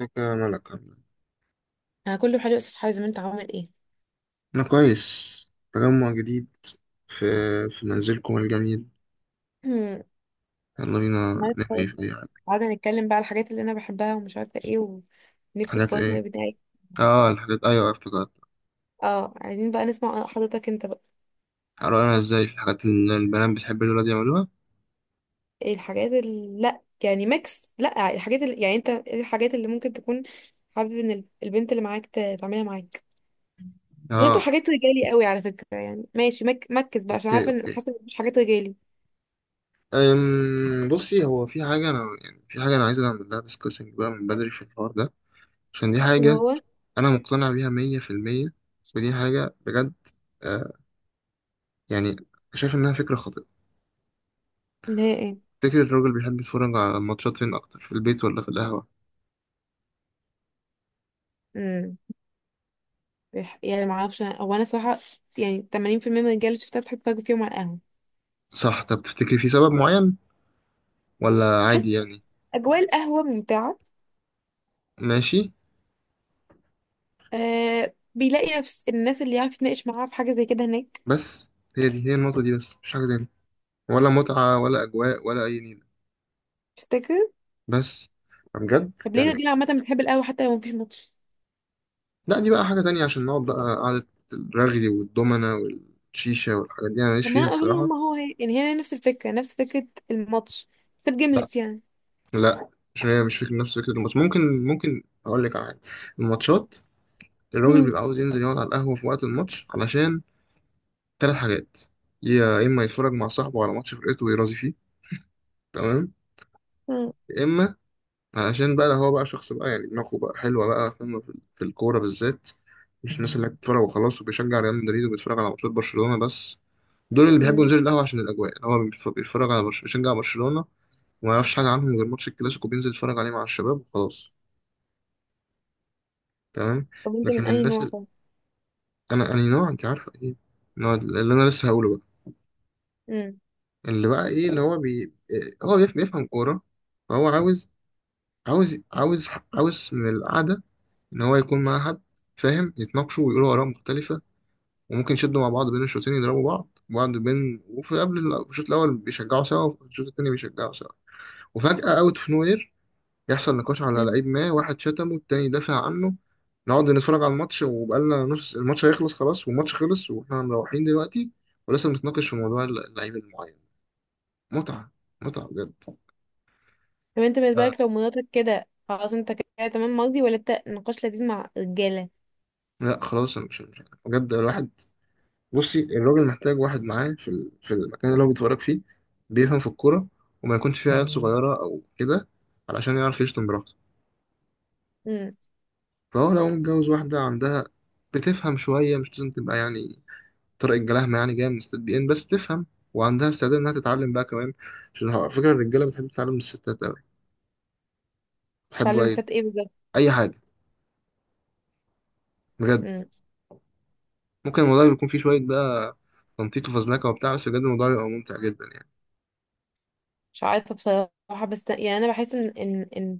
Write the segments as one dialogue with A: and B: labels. A: ازيك يا ملك؟ عامل ايه؟
B: انا كله حلو يا استاذ حازم، انت عامل ايه؟
A: أنا كويس. تجمع جديد في منزلكم الجميل. يلا بينا
B: النهاردة
A: نحكي في أي حاجة.
B: قعدنا نتكلم بقى على الحاجات اللي انا بحبها ومش عارفه ايه، ونفسي
A: حاجات
B: البارتنر
A: إيه؟
B: بتاعي.
A: آه الحاجات، أيوة افتكرت.
B: اه، عايزين بقى نسمع حضرتك انت بقى.
A: هقرأنا إزاي الحاجات اللي البنات بتحب الولاد يعملوها؟
B: ايه الحاجات اللي لا يعني ميكس، لا الحاجات اللي يعني انت، ايه الحاجات اللي ممكن تكون حابب ان البنت اللي معاك تعملها معاك؟ مش انتوا
A: آه.
B: حاجات رجالي قوي على فكره، يعني ماشي مكس بقى، عشان
A: أوكي
B: عارفه ان
A: أوكي
B: حاسه إن مفيش حاجات رجالي.
A: بصي، هو في حاجة أنا يعني في حاجة أنا عايز أعمل لها ديسكاسنج بقى من بدري في الحوار ده، عشان دي
B: اللي
A: حاجة
B: هو.
A: أنا مقتنع بيها مية في المية، ودي حاجة بجد. آه، يعني شايف إنها فكرة خاطئة.
B: اللي هي ايه؟
A: تفتكر الراجل بيحب يتفرج على الماتشات فين أكتر، في البيت ولا في القهوة؟
B: امم يعني ما اعرفش، هو انا صراحه يعني 80% من الرجاله اللي شفتها بتحط فرق فيهم على القهوه.
A: صح، طب تفتكري في سبب معين ولا عادي يعني؟
B: أجواء القهوة ممتعة.
A: ماشي.
B: أه، بيلاقي نفس الناس اللي يعرف يتناقش معاها في حاجة زي كده هناك.
A: بس هي دي هي النقطة دي بس، مش حاجة تاني، ولا متعة ولا أجواء ولا أي نيلة،
B: تفتكر؟
A: بس بجد
B: طب ليه
A: يعني.
B: دي عامة بتحب القهوة حتى لو مفيش ماتش؟
A: لا، دي بقى حاجة تانية، عشان نقعد بقى قعدة الرغي والدومنة والشيشة، والحاجات دي أنا ماليش
B: طب ما
A: فيها
B: أنا أظن
A: الصراحة.
B: هم هو هي، يعني هي نفس الفكرة، نفس فكرة الماتش، بس
A: لا،
B: بجملت يعني.
A: لا، عشان هي مش فكرة نفس فكرة الماتش. ممكن أقول لك على حاجة. الماتشات، الراجل
B: مم.
A: بيبقى عاوز ينزل يقعد على القهوة في وقت الماتش علشان ثلاث حاجات. يا إما يتفرج مع صاحبه على ماتش فرقته ويرازي فيه، تمام،
B: مم.
A: يا إما علشان بقى هو بقى شخص بقى يعني دماغه بقى حلوة بقى، فاهم في الكورة بالذات، مش الناس اللي بتتفرج وخلاص وبيشجع ريال مدريد وبيتفرج على ماتشات برشلونة بس. دول اللي بيحبوا
B: مم.
A: ينزلوا القهوة عشان الأجواء، هو بيتفرج على بيشجع برشلونة، وما يعرفش حاجة عنهم غير ماتش الكلاسيكو، بينزل يتفرج عليه مع الشباب وخلاص، تمام.
B: طب أنت من
A: لكن
B: أي
A: الناس
B: نوع؟
A: اللي...
B: طب.
A: أنا نوع، أنت عارفة إيه؟ نوع اللي أنا لسه هقوله بقى،
B: مم.
A: اللي بقى إيه، اللي هو بي... إيه، هو بيف- بيفهم كورة، فهو عاوز، عاوز عاوز عاوز من القعدة إن هو يكون معاه حد فاهم، يتناقشوا ويقولوا آراء مختلفة، وممكن يشدوا مع بعض بين الشوطين، يضربوا بعض بعض بين وفي قبل الشوط الأول بيشجعوا سوا، وفي الشوط التاني بيشجعوا سوا، وفجأة أوت أوف نوير يحصل نقاش على
B: مم.
A: لعيب ما، واحد شتمه، التاني دافع عنه. نقعد نتفرج على الماتش وبقالنا نص الماتش، هيخلص خلاص، والماتش خلص واحنا مروحين دلوقتي ولسه بنتناقش في موضوع اللعيب المعين. متعة، متعة بجد.
B: طب أنت بالنسبة لك لو مراتك كده خلاص أنت كده تمام مرضي، ولا أنت نقاش لذيذ مع رجالة؟
A: لا خلاص، انا مش بجد، الواحد، بصي، الراجل محتاج واحد معاه في في المكان اللي هو بيتفرج فيه، بيفهم في الكورة، وما يكونش فيه عيال صغيرة أو كده علشان يعرف يشتم براحته.
B: مم.
A: فهو لو متجوز واحدة عندها بتفهم شوية، مش لازم تبقى يعني طارق الجلاهمة يعني، جاية من ستات بي إن، بس بتفهم وعندها استعداد إنها تتعلم بقى كمان، عشان على فكرة الرجالة بتحب تتعلم من الستات أوي. بيحبوا
B: تعلم
A: أي،
B: الستات إيه بالظبط؟
A: أي حاجة بجد. ممكن الموضوع يكون فيه شوية بقى تنطيط وفزلكة وبتاع، بس بجد الموضوع يبقى ممتع جدا يعني.
B: مش عارفة بصراحة، بس يعني أنا بحس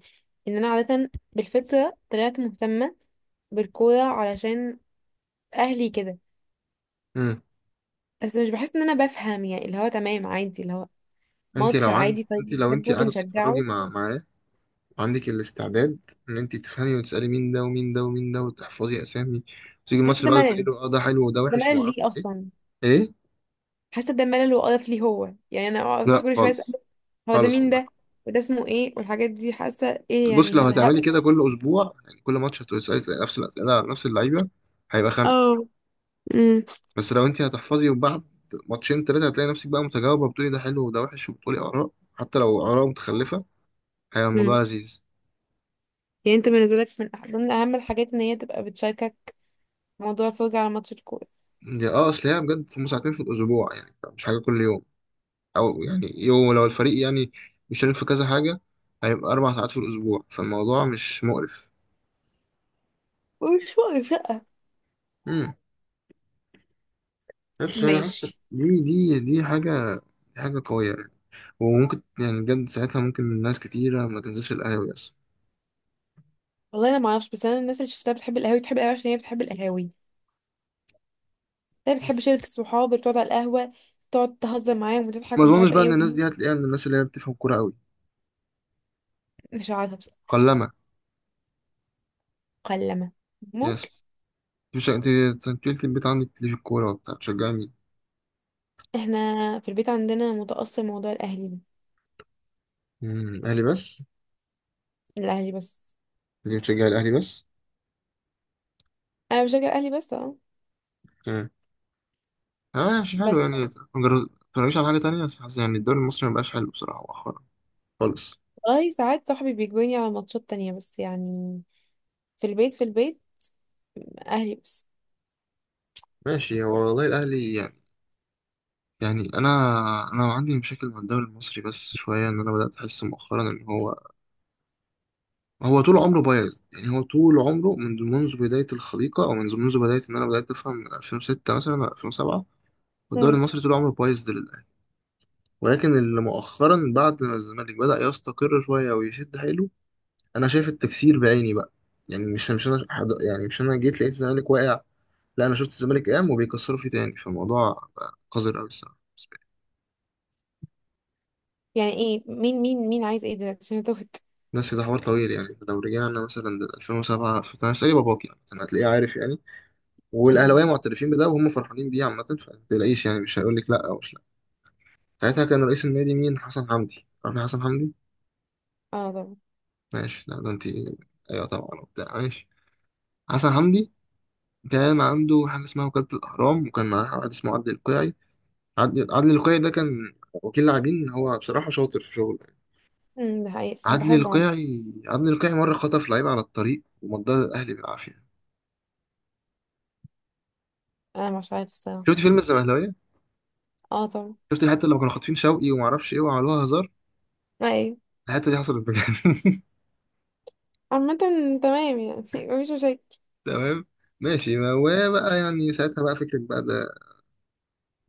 B: إن أنا عادة بالفطرة طلعت مهتمة بالكورة، علشان أهلي كده.
A: مم.
B: بس مش بحس إن أنا بفهم، يعني اللي هو تمام عادي، اللي هو
A: انت
B: ماتش
A: لو عند،
B: عادي،
A: انت
B: طيب
A: لو انت
B: بنحبه
A: قاعده تتفرجي
B: بنشجعه.
A: مع عندك الاستعداد ان انت تفهمي وتسالي مين ده ومين ده ومين ده، وتحفظي اسامي، وتيجي الماتش
B: حاسة ده
A: اللي بعده تقولي
B: ملل.
A: له اه ده حلو وده
B: ده
A: وحش وما
B: ملل
A: اعرفش
B: ليه
A: ايه.
B: أصلا؟
A: ايه؟
B: حاسة ده ملل وقرف، ليه؟ هو يعني أنا أقعد بقى
A: لا
B: كل شوية أسأل
A: خالص،
B: هو ده
A: خالص
B: مين؟
A: والله.
B: ده وده اسمه إيه؟ والحاجات دي حاسة إيه،
A: بصي، لو
B: يعني
A: هتعملي
B: هزهقه.
A: كده كل اسبوع، يعني كل ماتش هتسالي نفس الاسئله على نفس اللعيبه، هيبقى خنقه.
B: اه. امم.
A: بس لو انت هتحفظي، وبعد ماتشين ثلاثه هتلاقي نفسك بقى متجاوبه، بتقولي ده حلو وده وحش، وبتقولي اراء حتى لو اراء متخلفه، هيبقى
B: امم.
A: الموضوع لذيذ.
B: يعني انت بالنسبة لك من ضمن أهم الحاجات إن هي تبقى بتشاركك موضوع الفرجة على ماتش الكورة؟
A: دي اه، اصل هي بجد هم ساعتين في الاسبوع، يعني مش حاجه كل يوم، او يعني يوم لو الفريق يعني بيشارك في كذا حاجه هيبقى اربع ساعات في الاسبوع، فالموضوع مش مقرف.
B: مش واقف، لأ.
A: امم، نفس، انا حاسس
B: ماشي.
A: دي حاجه، دي حاجه قويه يعني. وممكن يعني بجد ساعتها ممكن ناس كتيره ما تنزلش القهاوي اصلا.
B: والله انا ما اعرفش، بس انا الناس اللي شفتها بتحب القهاوي بتحب القهاوي عشان هي بتحب القهاوي، هي بتحب شله الصحاب اللي بتقعد على القهوه، تقعد تهزر معاهم
A: ما
B: وتضحك ومش
A: اظنش
B: عارفه
A: بقى ان
B: ايه.
A: الناس دي هتلاقيها من الناس اللي هي بتفهم كوره قوي،
B: مش عارفه بس.
A: قلما.
B: مكلمه. ممكن.
A: يس. مش انت، أنت قلت البيت عندك ليه في الكوره وبتاع، بتشجعي مين؟
B: احنا في البيت عندنا متأثر موضوع الاهلي ده.
A: امم، اهلي بس؟
B: الاهلي بس.
A: دي بتشجعي الاهلي بس؟
B: انا بشجع الاهلي بس، اه.
A: امم، اه ماشي، حلو
B: بس.
A: يعني. ما ما تتفرجيش على حاجه تانية؟ بس حاسس يعني الدوري المصري ما بقاش حلو بصراحه خالص.
B: والله ساعات صاحبي بيجبرني على ماتشات تانية، بس يعني في البيت اهلي بس.
A: ماشي، هو والله الأهلي يعني، يعني أنا، أنا عندي مشاكل مع الدوري المصري بس شوية، إن أنا بدأت أحس مؤخرا إن هو، هو طول عمره بايظ، يعني هو طول عمره منذ بداية الخليقة، أو منذ بداية إن أنا بدأت أفهم من 2006 مثلا أو 2007، والدوري
B: مم.
A: المصري طول عمره بايظ ده للأهلي، ولكن اللي مؤخرا بعد ما الزمالك بدأ يستقر شوية ويشد حيله، أنا شايف التكسير بعيني بقى. يعني مش أنا حد، يعني مش أنا جيت لقيت الزمالك واقع، لا أنا شفت الزمالك قام وبيكسروا فيه تاني، فالموضوع بقى قذر أوي الصراحة.
B: يعني ايه؟ مين عايز ايه دلوقتي؟ عشان اتوهت.
A: بس ده حوار طويل يعني، لو رجعنا مثلا ل 2007، فانا اسالي باباك يعني مثلا هتلاقيه عارف يعني،
B: امم.
A: والاهلاويه معترفين بده وهم فرحانين بيه عامه، فما تقلقيش يعني، مش هيقول لك لا، او مش لا. ساعتها كان رئيس النادي مين؟ حسن حمدي، عارف حسن حمدي؟
B: اه طبعا.
A: ماشي، لا ده انت، ايوه طبعا وبتاع، ماشي. حسن حمدي كان عنده حاجه اسمها وكاله الاهرام، وكان معاه واحد اسمه عدلي القيعي، عدلي القيعي ده كان وكيل لاعبين، هو بصراحه شاطر في شغله يعني.
B: امم، ده حقيقي أنا
A: عدلي
B: بحبه عم.
A: القيعي، عدلي القيعي مره خطف لعيب على الطريق ومضاه الاهلي بالعافيه.
B: انا مش عارفه الصراحه.
A: شفت فيلم الزمهلاويه؟
B: اه طبعا.
A: شفت الحته اللي كانوا خاطفين شوقي وما اعرفش ايه وعملوها هزار؟
B: ما ايه.
A: الحته دي حصلت بجد.
B: عامة تمام يعني مفيش مشاكل.
A: تمام، ماشي. ما هو بقى يعني ساعتها بقى فكرة بقى ده،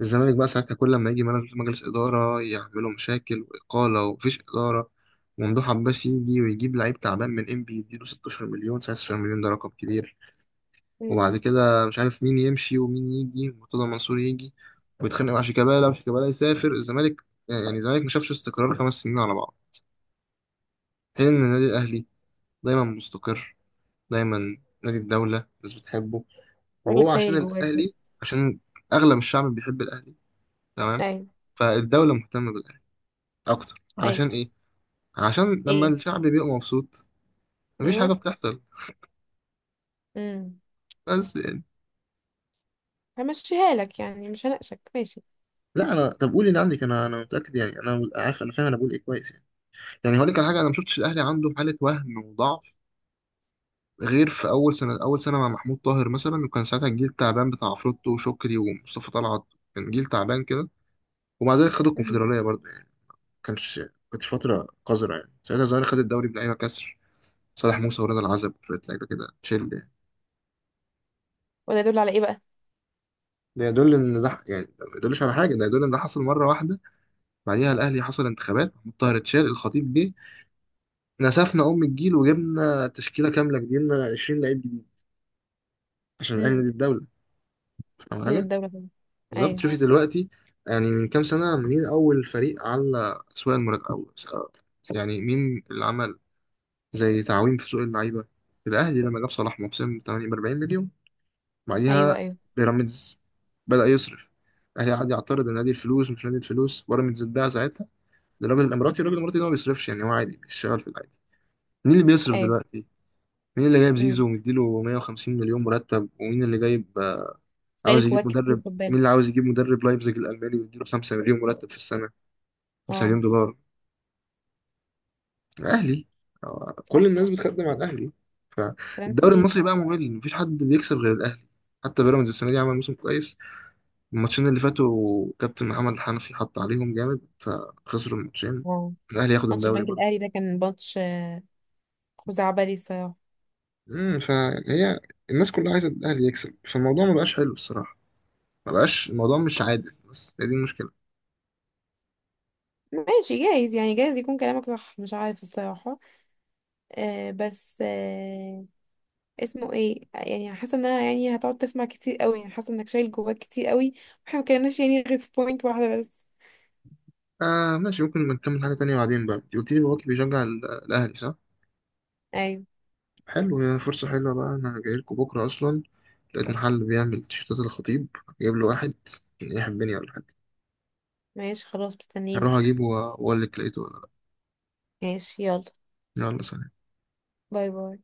A: الزمالك بقى ساعتها كل لما يجي مجلس إدارة يعملوا مشاكل وإقالة ومفيش إدارة، وممدوح عباس يجي ويجيب لعيب تعبان من إنبي يديله 16 مليون، 16 مليون ده رقم كبير.
B: امم.
A: وبعد كده مش عارف مين يمشي ومين يجي، مرتضى منصور يجي ويتخانق مع شيكابالا، وشيكابالا يسافر الزمالك، يعني الزمالك ما شافش استقرار خمس سنين على بعض، حين إن النادي الأهلي دايما مستقر، دايما نادي الدولة، الناس بتحبه،
B: شكلك
A: وهو عشان
B: شايل جواك كده.
A: الأهلي، عشان أغلب الشعب بيحب الأهلي، تمام،
B: ايوه.
A: فالدولة مهتمة بالأهلي أكتر،
B: ايوه.
A: علشان إيه؟ عشان لما
B: ايه.
A: الشعب بيبقى مبسوط مفيش
B: ايوه.
A: حاجة بتحصل.
B: امم.
A: بس يعني،
B: همشيها لك يعني، مش هناقشك، ماشي.
A: لا أنا، طب قولي اللي عندك، أنا متأكد يعني، أنا عارف، أنا فاهم أنا بقول إيه كويس يعني. يعني هقول لك على حاجة، أنا ما شفتش الأهلي عنده حالة وهن وضعف، غير في أول سنة، أول سنة مع محمود طاهر مثلا، وكان ساعتها الجيل التعبان بتاع عفروتو وشكري ومصطفى طلعت، كان جيل تعبان كده، ومع ذلك خدوا
B: امم.
A: الكونفدرالية برضه. كانش، كانت فترة قذرة يعني، ساعتها الزمالك خد الدوري بلعيبة كسر، صالح موسى ورضا العزب وشوية لعيبة كده تشيل يعني.
B: وده يدل على ايه بقى؟
A: ده يدل إن ده، يعني ده ما يدلش على حاجة، ده يدل إن ده حصل مرة واحدة. بعديها الأهلي حصل انتخابات محمود طاهر، اتشال، الخطيب جه، نسفنا أم الجيل وجبنا تشكيلة كاملة جديدة، 20 لعيب جديد، عشان الأهلي
B: امم.
A: نادي الدولة. فاهم
B: من
A: حاجة؟
B: الدولة طبعا.
A: بالظبط،
B: ايوه.
A: شوفي دلوقتي، يعني من كام سنة مين أول فريق على أسواق المراهنات أول، يعني مين اللي عمل زي تعويم في سوق اللعيبة؟ الأهلي لما جاب صلاح محسن 48 مليون،
B: ايوه.
A: بعديها
B: ايوه.
A: بيراميدز بدأ يصرف. الاهلي قعد يعترض، النادي الفلوس ومش نادي الفلوس، بيراميدز اتباع ساعتها للراجل الاماراتي، الراجل الاماراتي ده ما بيصرفش يعني، هو عادي بيشتغل في العادي. مين اللي بيصرف
B: ايوه.
A: دلوقتي؟ مين اللي جايب زيزو
B: امم.
A: ومديله 150 مليون مرتب؟ ومين اللي جايب آه،
B: شايل
A: عاوز يجيب
B: جواك كتير،
A: مدرب؟
B: خد
A: مين
B: بالك.
A: اللي عاوز يجيب مدرب لايبزيج الالماني ويديله 5 مليون مرتب في السنه، 5
B: اه.
A: مليون دولار؟ الاهلي. آه، كل
B: صح.
A: الناس بتخدم على الاهلي،
B: كلام
A: فالدوري
B: سليم.
A: المصري بقى ممل، مفيش حد بيكسب غير الاهلي. حتى بيراميدز السنه دي عمل موسم كويس، الماتشين اللي فاتوا كابتن محمد الحنفي حط عليهم جامد فخسروا الماتشين،
B: اه.
A: الاهلي ياخد
B: ماتش
A: الدوري
B: البنك
A: برضه.
B: الاهلي ده كان ماتش خزعبلي الصراحه.
A: امم، فهي الناس كلها عايزه الاهلي يكسب، فالموضوع ما بقاش حلو الصراحه، ما بقاش الموضوع مش عادل، بس هي دي المشكله.
B: ماشي، جايز يعني، جايز يكون كلامك صح، مش عارف الصراحه. آه بس آه، اسمه ايه يعني، حاسه انها يعني هتقعد تسمع كتير قوي، يعني حاسه انك شايل جواك كتير قوي، واحنا ما كناش يعني غير في بوينت واحده بس.
A: آه ماشي، ممكن نكمل حاجه تانية بعدين بقى. انت قلت لي باباكي بيشجع الاهلي صح؟
B: ايوه.
A: حلو، هي فرصه حلوه بقى، انا جاي لكم بكره اصلا، لقيت محل بيعمل تيشيرتات الخطيب، جايب له واحد، كان ايه حبني ولا حاجه؟
B: ماشي خلاص، مستنينا.
A: هروح اجيبه واقول لك لقيته ولا.
B: ماشي يلا.
A: لا، يلا سلام.
B: باي باي.